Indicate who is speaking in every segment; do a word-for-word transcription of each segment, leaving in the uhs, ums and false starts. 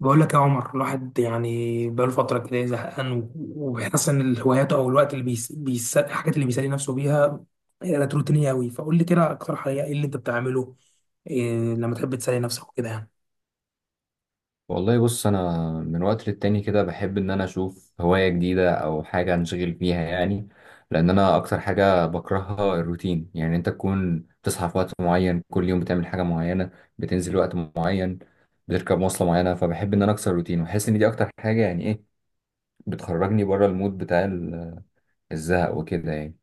Speaker 1: بقول لك يا عمر، الواحد يعني بقاله فترة كده زهقان و- وبيحس ان هواياته او الوقت اللي بيس... بيس... الحاجات اللي بيسلي نفسه بيها كانت روتينية قوي. فقول لي كده اقترح عليا ايه اللي انت بتعمله، إيه لما تحب تسلي نفسك وكده يعني.
Speaker 2: والله بص انا من وقت للتاني كده بحب ان انا اشوف هواية جديدة او حاجة انشغل بيها يعني. لان انا اكتر حاجة بكرهها الروتين، يعني انت تكون بتصحى في وقت معين كل يوم، بتعمل حاجة معينة، بتنزل وقت معين، بتركب مواصلة معينة. فبحب ان انا اكسر الروتين واحس ان دي اكتر حاجة، يعني ايه، بتخرجني بره المود بتاع ال- الزهق وكده يعني.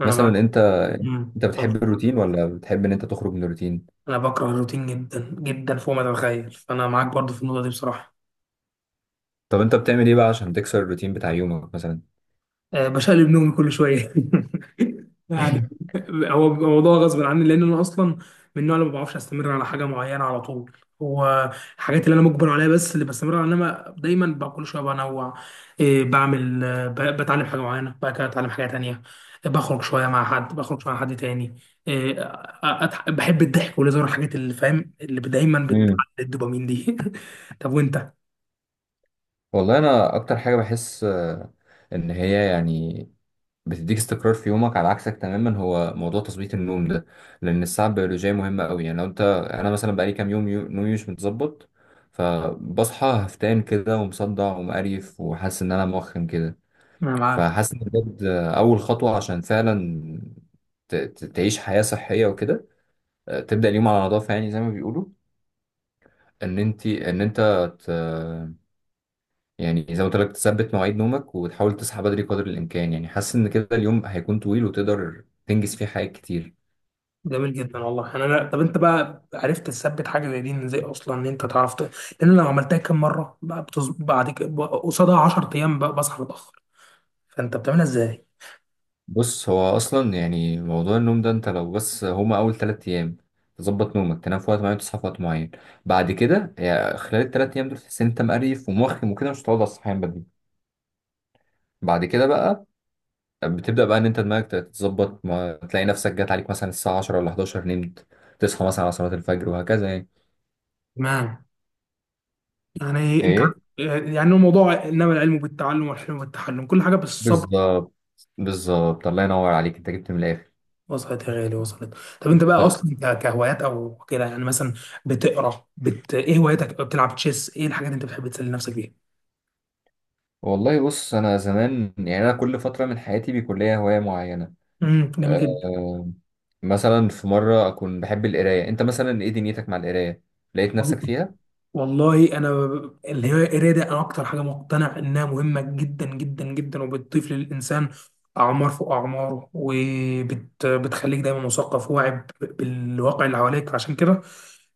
Speaker 1: انا
Speaker 2: مثلا
Speaker 1: معاك.
Speaker 2: انت،
Speaker 1: امم
Speaker 2: انت بتحب
Speaker 1: اتفضل.
Speaker 2: الروتين ولا بتحب ان انت تخرج من الروتين؟
Speaker 1: انا بكره الروتين جدا جدا فوق ما تتخيل، فانا معاك برضو في النقطة دي بصراحة.
Speaker 2: طب انت بتعمل ايه بقى عشان تكسر الروتين بتاع يومك مثلا؟
Speaker 1: آه، بشقلب نومي كل شويه يعني. هو بيبقى موضوع غصب عني لان انا اصلا من النوع اللي ما بعرفش استمر على حاجه معينه على طول. هو الحاجات اللي انا مجبر عليها، بس اللي بستمر عليها، انما دايما بقى كل شويه بنوع. إيه، بعمل آه، ب- بتعلم حاجه معينه، بعد كده اتعلم حاجه تانية، بخرج شويه مع حد، بخرج شويه مع حد تاني. إيه، أ- أضح- بحب الضحك والهزار، الحاجات اللي فاهم اللي دايما بتعلي الدوبامين دي طب وانت؟
Speaker 2: والله انا اكتر حاجه بحس آه، ان هي يعني بتديك استقرار في يومك، على عكسك تماما. هو موضوع تظبيط النوم ده، لان الساعه البيولوجيه مهمه قوي. يعني لو انت، انا مثلا بقالي كام يوم يو- نومي مش متظبط، فبصحى هفتان كده ومصدع ومقريف وحاسس ان انا موخم كده.
Speaker 1: انا معاك.
Speaker 2: فحاسس ان بجد آه، اول خطوه عشان فعلا ت- ت- تعيش حياه صحيه وكده، آه، تبدا اليوم على نظافه، يعني زي ما بيقولوا، ان انت ان انت يعني زي ما قلت لك، تثبت مواعيد نومك وتحاول تصحى بدري قدر الامكان. يعني حاسس ان كده اليوم هيكون طويل وتقدر تنجز فيه حاجات كتير.
Speaker 1: جميل جدا والله. انا أنا- طب انت بقى عرفت تثبت حاجه زي دي إن ازاي اصلا ان انت تعرف ت- لان لو عملتها كام مره بقى بتز... بعد كده ب- قصادها 10 ايام بقى بصحى متاخر. فانت بتعملها ازاي؟
Speaker 2: بص، هو اصلا يعني موضوع النوم ده انت لو بس، هما اول ثلاث ايام تظبط نومك، تنام في وقت معين وتصحى في وقت معين، بعد كده يعني خلال الثلاث ايام دول تحس ان انت مقريف وموخم وكده مش هتقعد على الصحيان بدري. بعد كده بقى بتبدا بقى ان انت دماغك تتظبط، ما تلاقي نفسك جات عليك مثلا الساعه عشرة ولا احد عشر نمت، تصحى مثلا على صلاه الفجر وهكذا يعني.
Speaker 1: تمام. يعني انت
Speaker 2: ايه؟
Speaker 1: عارف- يعني الموضوع، انما العلم بالتعلم والحلم بالتحلم، كل حاجه بالصبر.
Speaker 2: بالظبط. بالظبط، الله ينور عليك، انت جبت من الاخر.
Speaker 1: وصلت يا غالي، وصلت. طب انت بقى
Speaker 2: طب
Speaker 1: اصلا ك- كهوايات او كده، يعني مثلا بتقرا بت... ايه هواياتك؟ بتلعب تشيس؟ ايه الحاجات اللي انت بتحب تسلي نفسك بيها؟
Speaker 2: والله بص انا زمان، يعني انا كل فتره من حياتي بيكون ليا هوايه معينه.
Speaker 1: امم جميل.
Speaker 2: أه. مثلا في مره اكون بحب القرايه. انت مثلا ايه دنيتك مع القرايه؟ لقيت نفسك
Speaker 1: جدا
Speaker 2: فيها؟
Speaker 1: والله. انا اللي هي القرايه دي، انا اكتر حاجه مقتنع انها مهمه جدا جدا جدا، وبتضيف للانسان اعمار فوق اعماره، وبتخليك دايما مثقف واعي ب- بالواقع اللي حواليك. عشان كده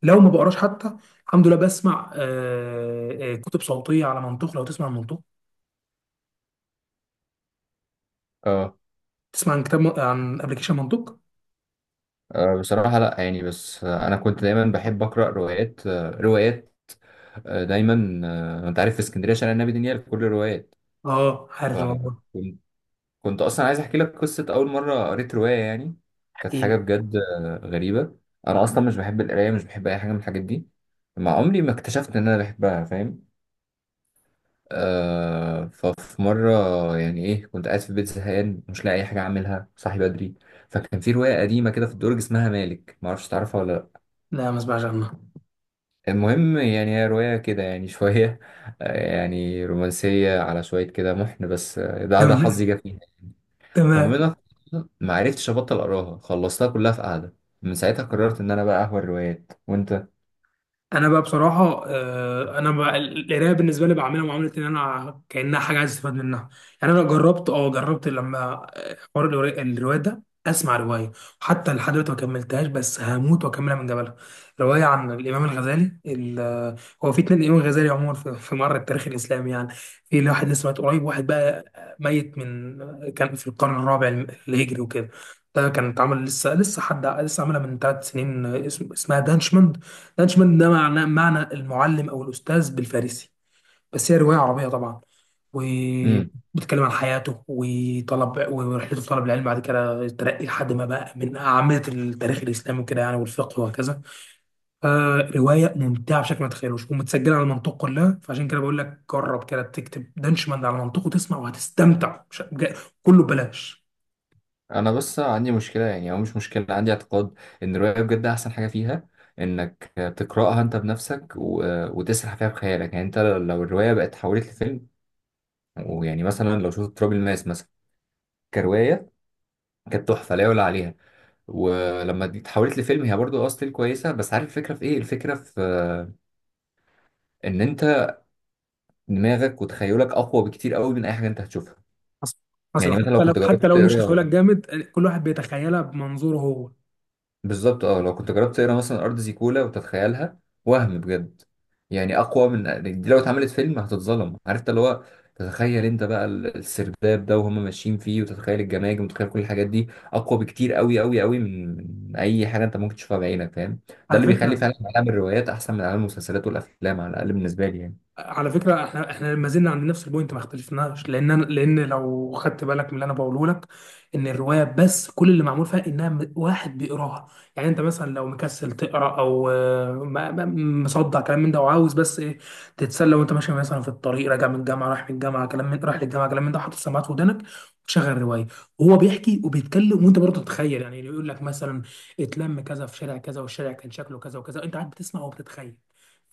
Speaker 1: لو ما بقراش، حتى الحمد لله بسمع آه، آه، كتب صوتيه على منطوق. لو تسمع عن منطوق،
Speaker 2: اه.
Speaker 1: تسمع عن كتاب م- عن ابلكيشن منطوق.
Speaker 2: آه، بصراحه لا، يعني بس آه، انا كنت دايما بحب اقرا روايات، آه، روايات، آه، دايما، آه، انت عارف في اسكندريه شارع النبي دانيال كل الروايات.
Speaker 1: اه، عارف
Speaker 2: فكنت
Speaker 1: الموضوع.
Speaker 2: كنت اصلا عايز احكي لك قصه اول مره قريت روايه يعني. كانت
Speaker 1: احكي
Speaker 2: حاجه
Speaker 1: لي.
Speaker 2: بجد آه، غريبه. انا اصلا مش بحب القرايه، مش بحب اي حاجه من الحاجات دي مع عمري، ما اكتشفت ان انا بحبها، فاهم. آه، ففي مره، يعني ايه، كنت قاعد في البيت زهقان مش لاقي اي حاجه اعملها، صاحي بدري، فكان في روايه قديمه كده في الدرج اسمها مالك، ما اعرفش تعرفها ولا لا.
Speaker 1: لا، ما اسمعش عنه.
Speaker 2: المهم، يعني هي روايه كده، يعني شويه آه، يعني رومانسيه على شويه كده محن، بس آه، ده ده
Speaker 1: تمام.
Speaker 2: حظي جه فيها.
Speaker 1: تمام.
Speaker 2: فمنها ما عرفتش ابطل اقراها، خلصتها كلها في قعده. من ساعتها قررت ان انا بقى اهوى الروايات. وانت؟
Speaker 1: انا بقى بصراحه، آه، انا بقى القرايه بالنسبه لي بعملها معامله ان انا كانها حاجه عايز استفاد منها. يعني انا جربت اه جربت لما آه، حوار الروايه، الرواية ده، اسمع روايه حتى لحد دلوقتي ما كملتهاش، بس هموت واكملها من جبلها. روايه عن الامام الغزالي ال- آه، هو في اتنين امام غزالي عموما في في مر التاريخ الاسلامي يعني. في واحد لسه مات قريب، واحد بقى ميت من كان في القرن الرابع الهجري وكده. ده كان اتعمل لسه، لسه حد لسه عاملها من ثلاث سنين. آه، اسم- اسمها دانشمان. لانشمان ده معنى معنى المعلم او الاستاذ بالفارسي، بس هي روايه عربيه طبعا،
Speaker 2: امم.
Speaker 1: وبتتكلم عن حياته وطلب ورحلته في طلب العلم، بعد كده الترقي لحد ما بقى من اعمده التاريخ الاسلامي وكده يعني، والفقه وهكذا. فروايه ممتعه بشكل ما تتخيلوش، ومتسجله على المنطق كلها، فعشان كده بقول لك جرب كده تكتب دانشمان على منطقه تسمع وهتستمتع، مش جا- كله ببلاش.
Speaker 2: انا بس عندي مشكله، يعني او مش مشكله، عندي اعتقاد ان الروايه بجد احسن حاجه فيها انك تقراها انت بنفسك و... وتسرح فيها بخيالك. يعني انت لو الروايه بقت اتحولت لفيلم، ويعني مثلا لو شفت تراب الماس مثلا كروايه، كانت تحفه لا يعلى عليها، ولما دي اتحولت لفيلم هي برضو اصل كويسه، بس عارف الفكره في ايه؟ الفكره في آه، ان انت دماغك وتخيلك اقوى بكتير قوي من اي حاجه انت هتشوفها.
Speaker 1: حصل. حصل.
Speaker 2: يعني مثلا لو
Speaker 1: حتى لو،
Speaker 2: كنت
Speaker 1: حتى
Speaker 2: جربت
Speaker 1: لو، مش هقول لك
Speaker 2: تقرا،
Speaker 1: جامد، كل واحد بيتخيلها بمنظوره هو.
Speaker 2: بالظبط اه، لو كنت جربت تقرا مثلا ارض زيكولا وتتخيلها، وهم بجد، يعني اقوى من دي. لو اتعملت فيلم هتتظلم، عرفت اللي هو، تتخيل انت بقى ال- السرداب ده وهم ماشيين فيه، وتتخيل الجماجم، وتتخيل كل الحاجات دي اقوى بكتير قوي قوي قوي من، من اي حاجه انت ممكن تشوفها بعينك، فاهم. ده
Speaker 1: على
Speaker 2: اللي بيخلي
Speaker 1: فكره،
Speaker 2: فعلا عالم الروايات احسن من عالم المسلسلات والافلام، على الاقل بالنسبه لي يعني.
Speaker 1: على فكرة احنا احنا ما زلنا عند نفس البوينت، ما اختلفناش. لان انا لان لو خدت بالك من اللي انا بقوله لك ان الرواية، بس كل اللي معمول فيها انها م- واحد بيقراها. يعني انت مثلا لو مكسل تقرا او آه، ما- ما- مصدع كلام من ده، وعاوز بس ايه، تتسلى وانت ماشي مثلا في الطريق راجع من الجامعة، رايح من الجامعة، كلام من رايح للجامعة، كلام من ده، حاطط سماعات في ودنك وتشغل رواية، وهو بيحكي وبيتكلم وانت برضه تتخيل. يعني يقول لك مثلا اتلم كذا في شارع كذا، والشارع كان شكله كذا وكذا، انت قاعد بتسمع وبتتخيل،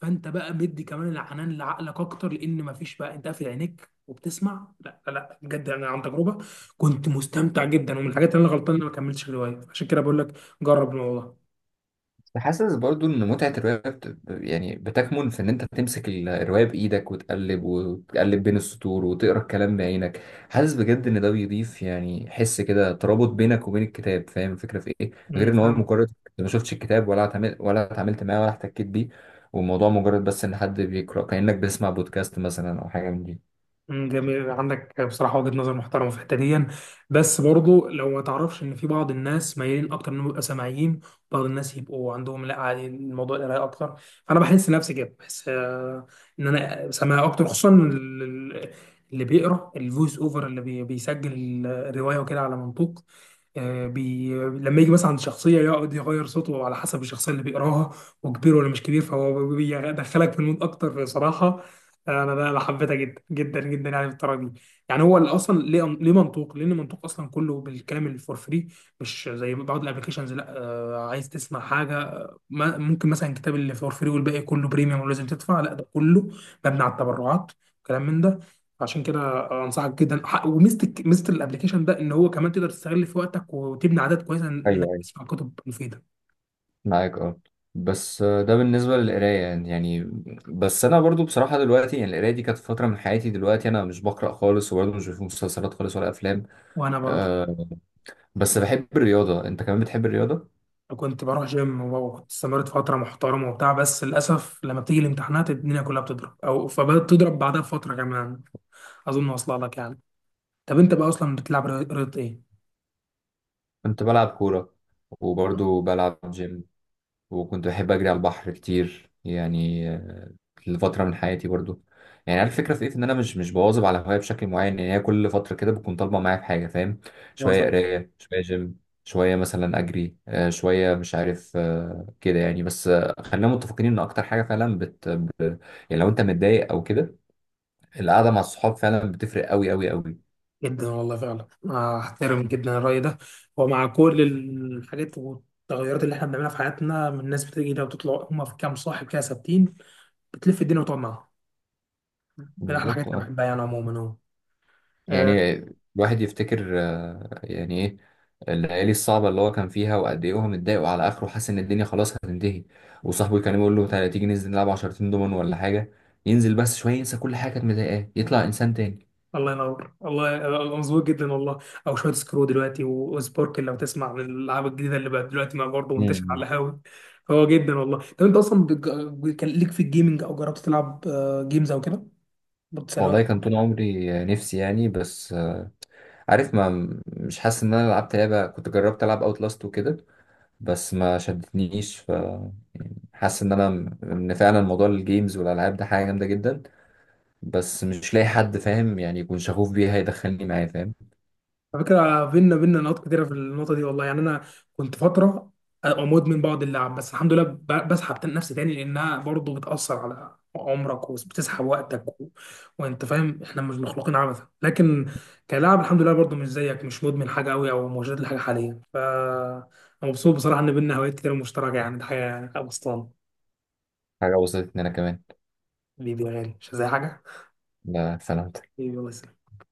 Speaker 1: فانت بقى مدي كمان العنان لعقلك اكتر، لان مفيش بقى انت قافل عينيك وبتسمع. لا لا لا، بجد انا عن تجربه كنت مستمتع جدا، ومن الحاجات اللي انا غلطان إن انا ما كملتش الروايه، عشان كده بقول لك جرب الموضوع.
Speaker 2: حاسس برضو ان متعة الرواية بت... ب- يعني بتكمن في ان انت تمسك ال- الرواية بايدك وتقلب وتقلب بين السطور وتقرا الكلام بعينك. حاسس بجد ان ده بيضيف يعني حس كده ترابط بينك وبين الكتاب، فاهم الفكرة في ايه؟ غير
Speaker 1: امم
Speaker 2: ان هو
Speaker 1: فاهم.
Speaker 2: مجرد أنت ما شفتش الكتاب ولا اتعامل... ولا اتعاملت معاه ولا احتكيت بيه، والموضوع مجرد بس ان حد بيقرا، كأنك بتسمع بودكاست مثلا او حاجة من دي.
Speaker 1: مم، جميل عندك بصراحة وجهة نظر محترمة في الحتة دي، بس برضو لو ما تعرفش ان في بعض الناس مايلين اكتر انهم يبقوا سامعين، بعض الناس يبقوا عندهم لا عادي الموضوع القراية اكتر، فانا بحس نفسي كده بحس آه، ان انا سامع اكتر، خصوصا ال- ال- اللي بيقرا الفويس اوفر، اللي بي- بيسجل الرواية وكده على منطوق. آه، بي... لما يجي مثلا عند شخصية يقعد يغير صوته على حسب الشخصية اللي بيقراها وكبير ولا مش كبير، فهو بيدخلك في المود أكتر بصراحة. انا انا أنا حبيتها جدا جدا جدا يعني بالطريقه دي. يعني هو اللي اصلا ليه ليه منطوق، لان منطوق اصلا كله بالكلام اللي فور فري، مش زي بعض الابلكيشنز. لا، آه، عايز تسمع حاجه، آه، ما ممكن مثلا كتاب اللي فور فري والباقي كله بريميوم ولازم تدفع. لا، ده كله مبني على التبرعات، كلام من ده. عشان كده انصحك جدا. ح- وميزه الك- ميزه الابلكيشن ده ان هو كمان تقدر تستغل في وقتك وتبني عادات كويسه انك
Speaker 2: ايوه،
Speaker 1: تسمع كتب مفيده.
Speaker 2: معاك اه. بس آه، ده بالنسبة للقراية يعني. يعني بس أنا برضو بصراحة دلوقتي، يعني القراية دي كانت فترة من حياتي، دلوقتي أنا مش بقرأ خالص، وبرضو مش بشوف مسلسلات خالص ولا أفلام.
Speaker 1: وانا برضه
Speaker 2: أه. بس بحب الرياضة، أنت كمان بتحب الرياضة؟
Speaker 1: كنت بروح جيم، واستمرت فترة محترمة وبتاع، بس للأسف لما بتيجي الامتحانات الدنيا كلها بتضرب، أو فبدأت تضرب بعدها بفترة كمان. أظن واصلة لك يعني. طب أنت بقى أصلا بتلعب رياضة، رياضة إيه؟
Speaker 2: كنت بلعب كورة، وبرضو بلعب جيم، وكنت بحب أجري على البحر كتير يعني، آه، لفترة من حياتي برضو. يعني عارف الفكرة في إيه؟ إن أنا مش مش بواظب على هواية بشكل معين، يعني هي كل فترة كده بتكون طالبة معايا في حاجة، فاهم. شوية
Speaker 1: واصل.
Speaker 2: قراية، شوية جيم، شوية مثلا أجري آه، شوية مش عارف آه، كده يعني، بس آه، خلينا متفقين إن أكتر حاجة فعلا بت، يعني لو أنت متضايق أو كده، القعدة مع الصحاب فعلا بتفرق أوي أوي أوي.
Speaker 1: جدا والله فعلا، أحترم جدا الرأي ده. ومع كل الحاجات والتغيرات اللي إحنا بنعملها في حياتنا من الناس بتيجي ده وتطلع، هم في كام صاحب كده ثابتين، بتلف الدنيا وتقعد معاهم، من أحلى الحاجات
Speaker 2: بالظبط
Speaker 1: اللي
Speaker 2: اه.
Speaker 1: بحبها يعني عموما أهو. آه،
Speaker 2: يعني الواحد يفتكر آه، يعني ايه، الليالي الصعبة اللي هو كان فيها، وقد ايه هو متضايق وعلى اخره حاسس ان الدنيا خلاص هتنتهي، وصاحبه كان يقول له تعالى تيجي ننزل نلعب عشرتين دومن ولا حاجة، ينزل بس شوية ينسى كل حاجة كانت مضايقاه، يطلع انسان تاني.
Speaker 1: الله ينور والله، أنا مظبوط جدا والله. او شويه سكرو دلوقتي و- وسبوركل، لو تسمع عن الالعاب الجديده اللي بقت دلوقتي ما برضه منتشر على
Speaker 2: مم.
Speaker 1: القهاوي. فهو جدا والله. طب انت اصلا بتج- كان ليك في الجيمنج او جربت تلعب جيمز او كده؟
Speaker 2: والله كان طول عمري آه، نفسي، يعني بس آه، عارف، ما مش حاسس ان انا لعبت لعبة. كنت جربت العب اوت لاست وكده، بس ما شدتنيش، فحاسس ان انا، ان فعلا موضوع الجيمز والالعاب ده حاجة جامدة جدا، بس مش لاقي حد فاهم يعني يكون شغوف بيها يدخلني معاه، فاهم.
Speaker 1: على فكرة بينا بينا نقاط كتيرة في النقطة دي والله، يعني أنا كنت فترة أبقى مدمن بعض اللعب، بس الحمد لله ب- بسحب تاني- نفسي تاني، لأنها برضه بتأثر على عمرك وبتسحب وقتك و... وأنت فاهم، إحنا مش مخلوقين عبثا. لكن كلاعب الحمد لله برضه مش زيك، مش مدمن حاجة أوي أو مشدود لحاجة حاليا، ف أنا مبسوط بصراحة إن بينا هوايات كتير مشتركة، يعني دي حاجة أبسطان.
Speaker 2: حاجة وصلت ان انا كمان.
Speaker 1: حبيبي يا غالي مش زي حاجة.
Speaker 2: لا سلام.
Speaker 1: حبيبي الله يسلمك.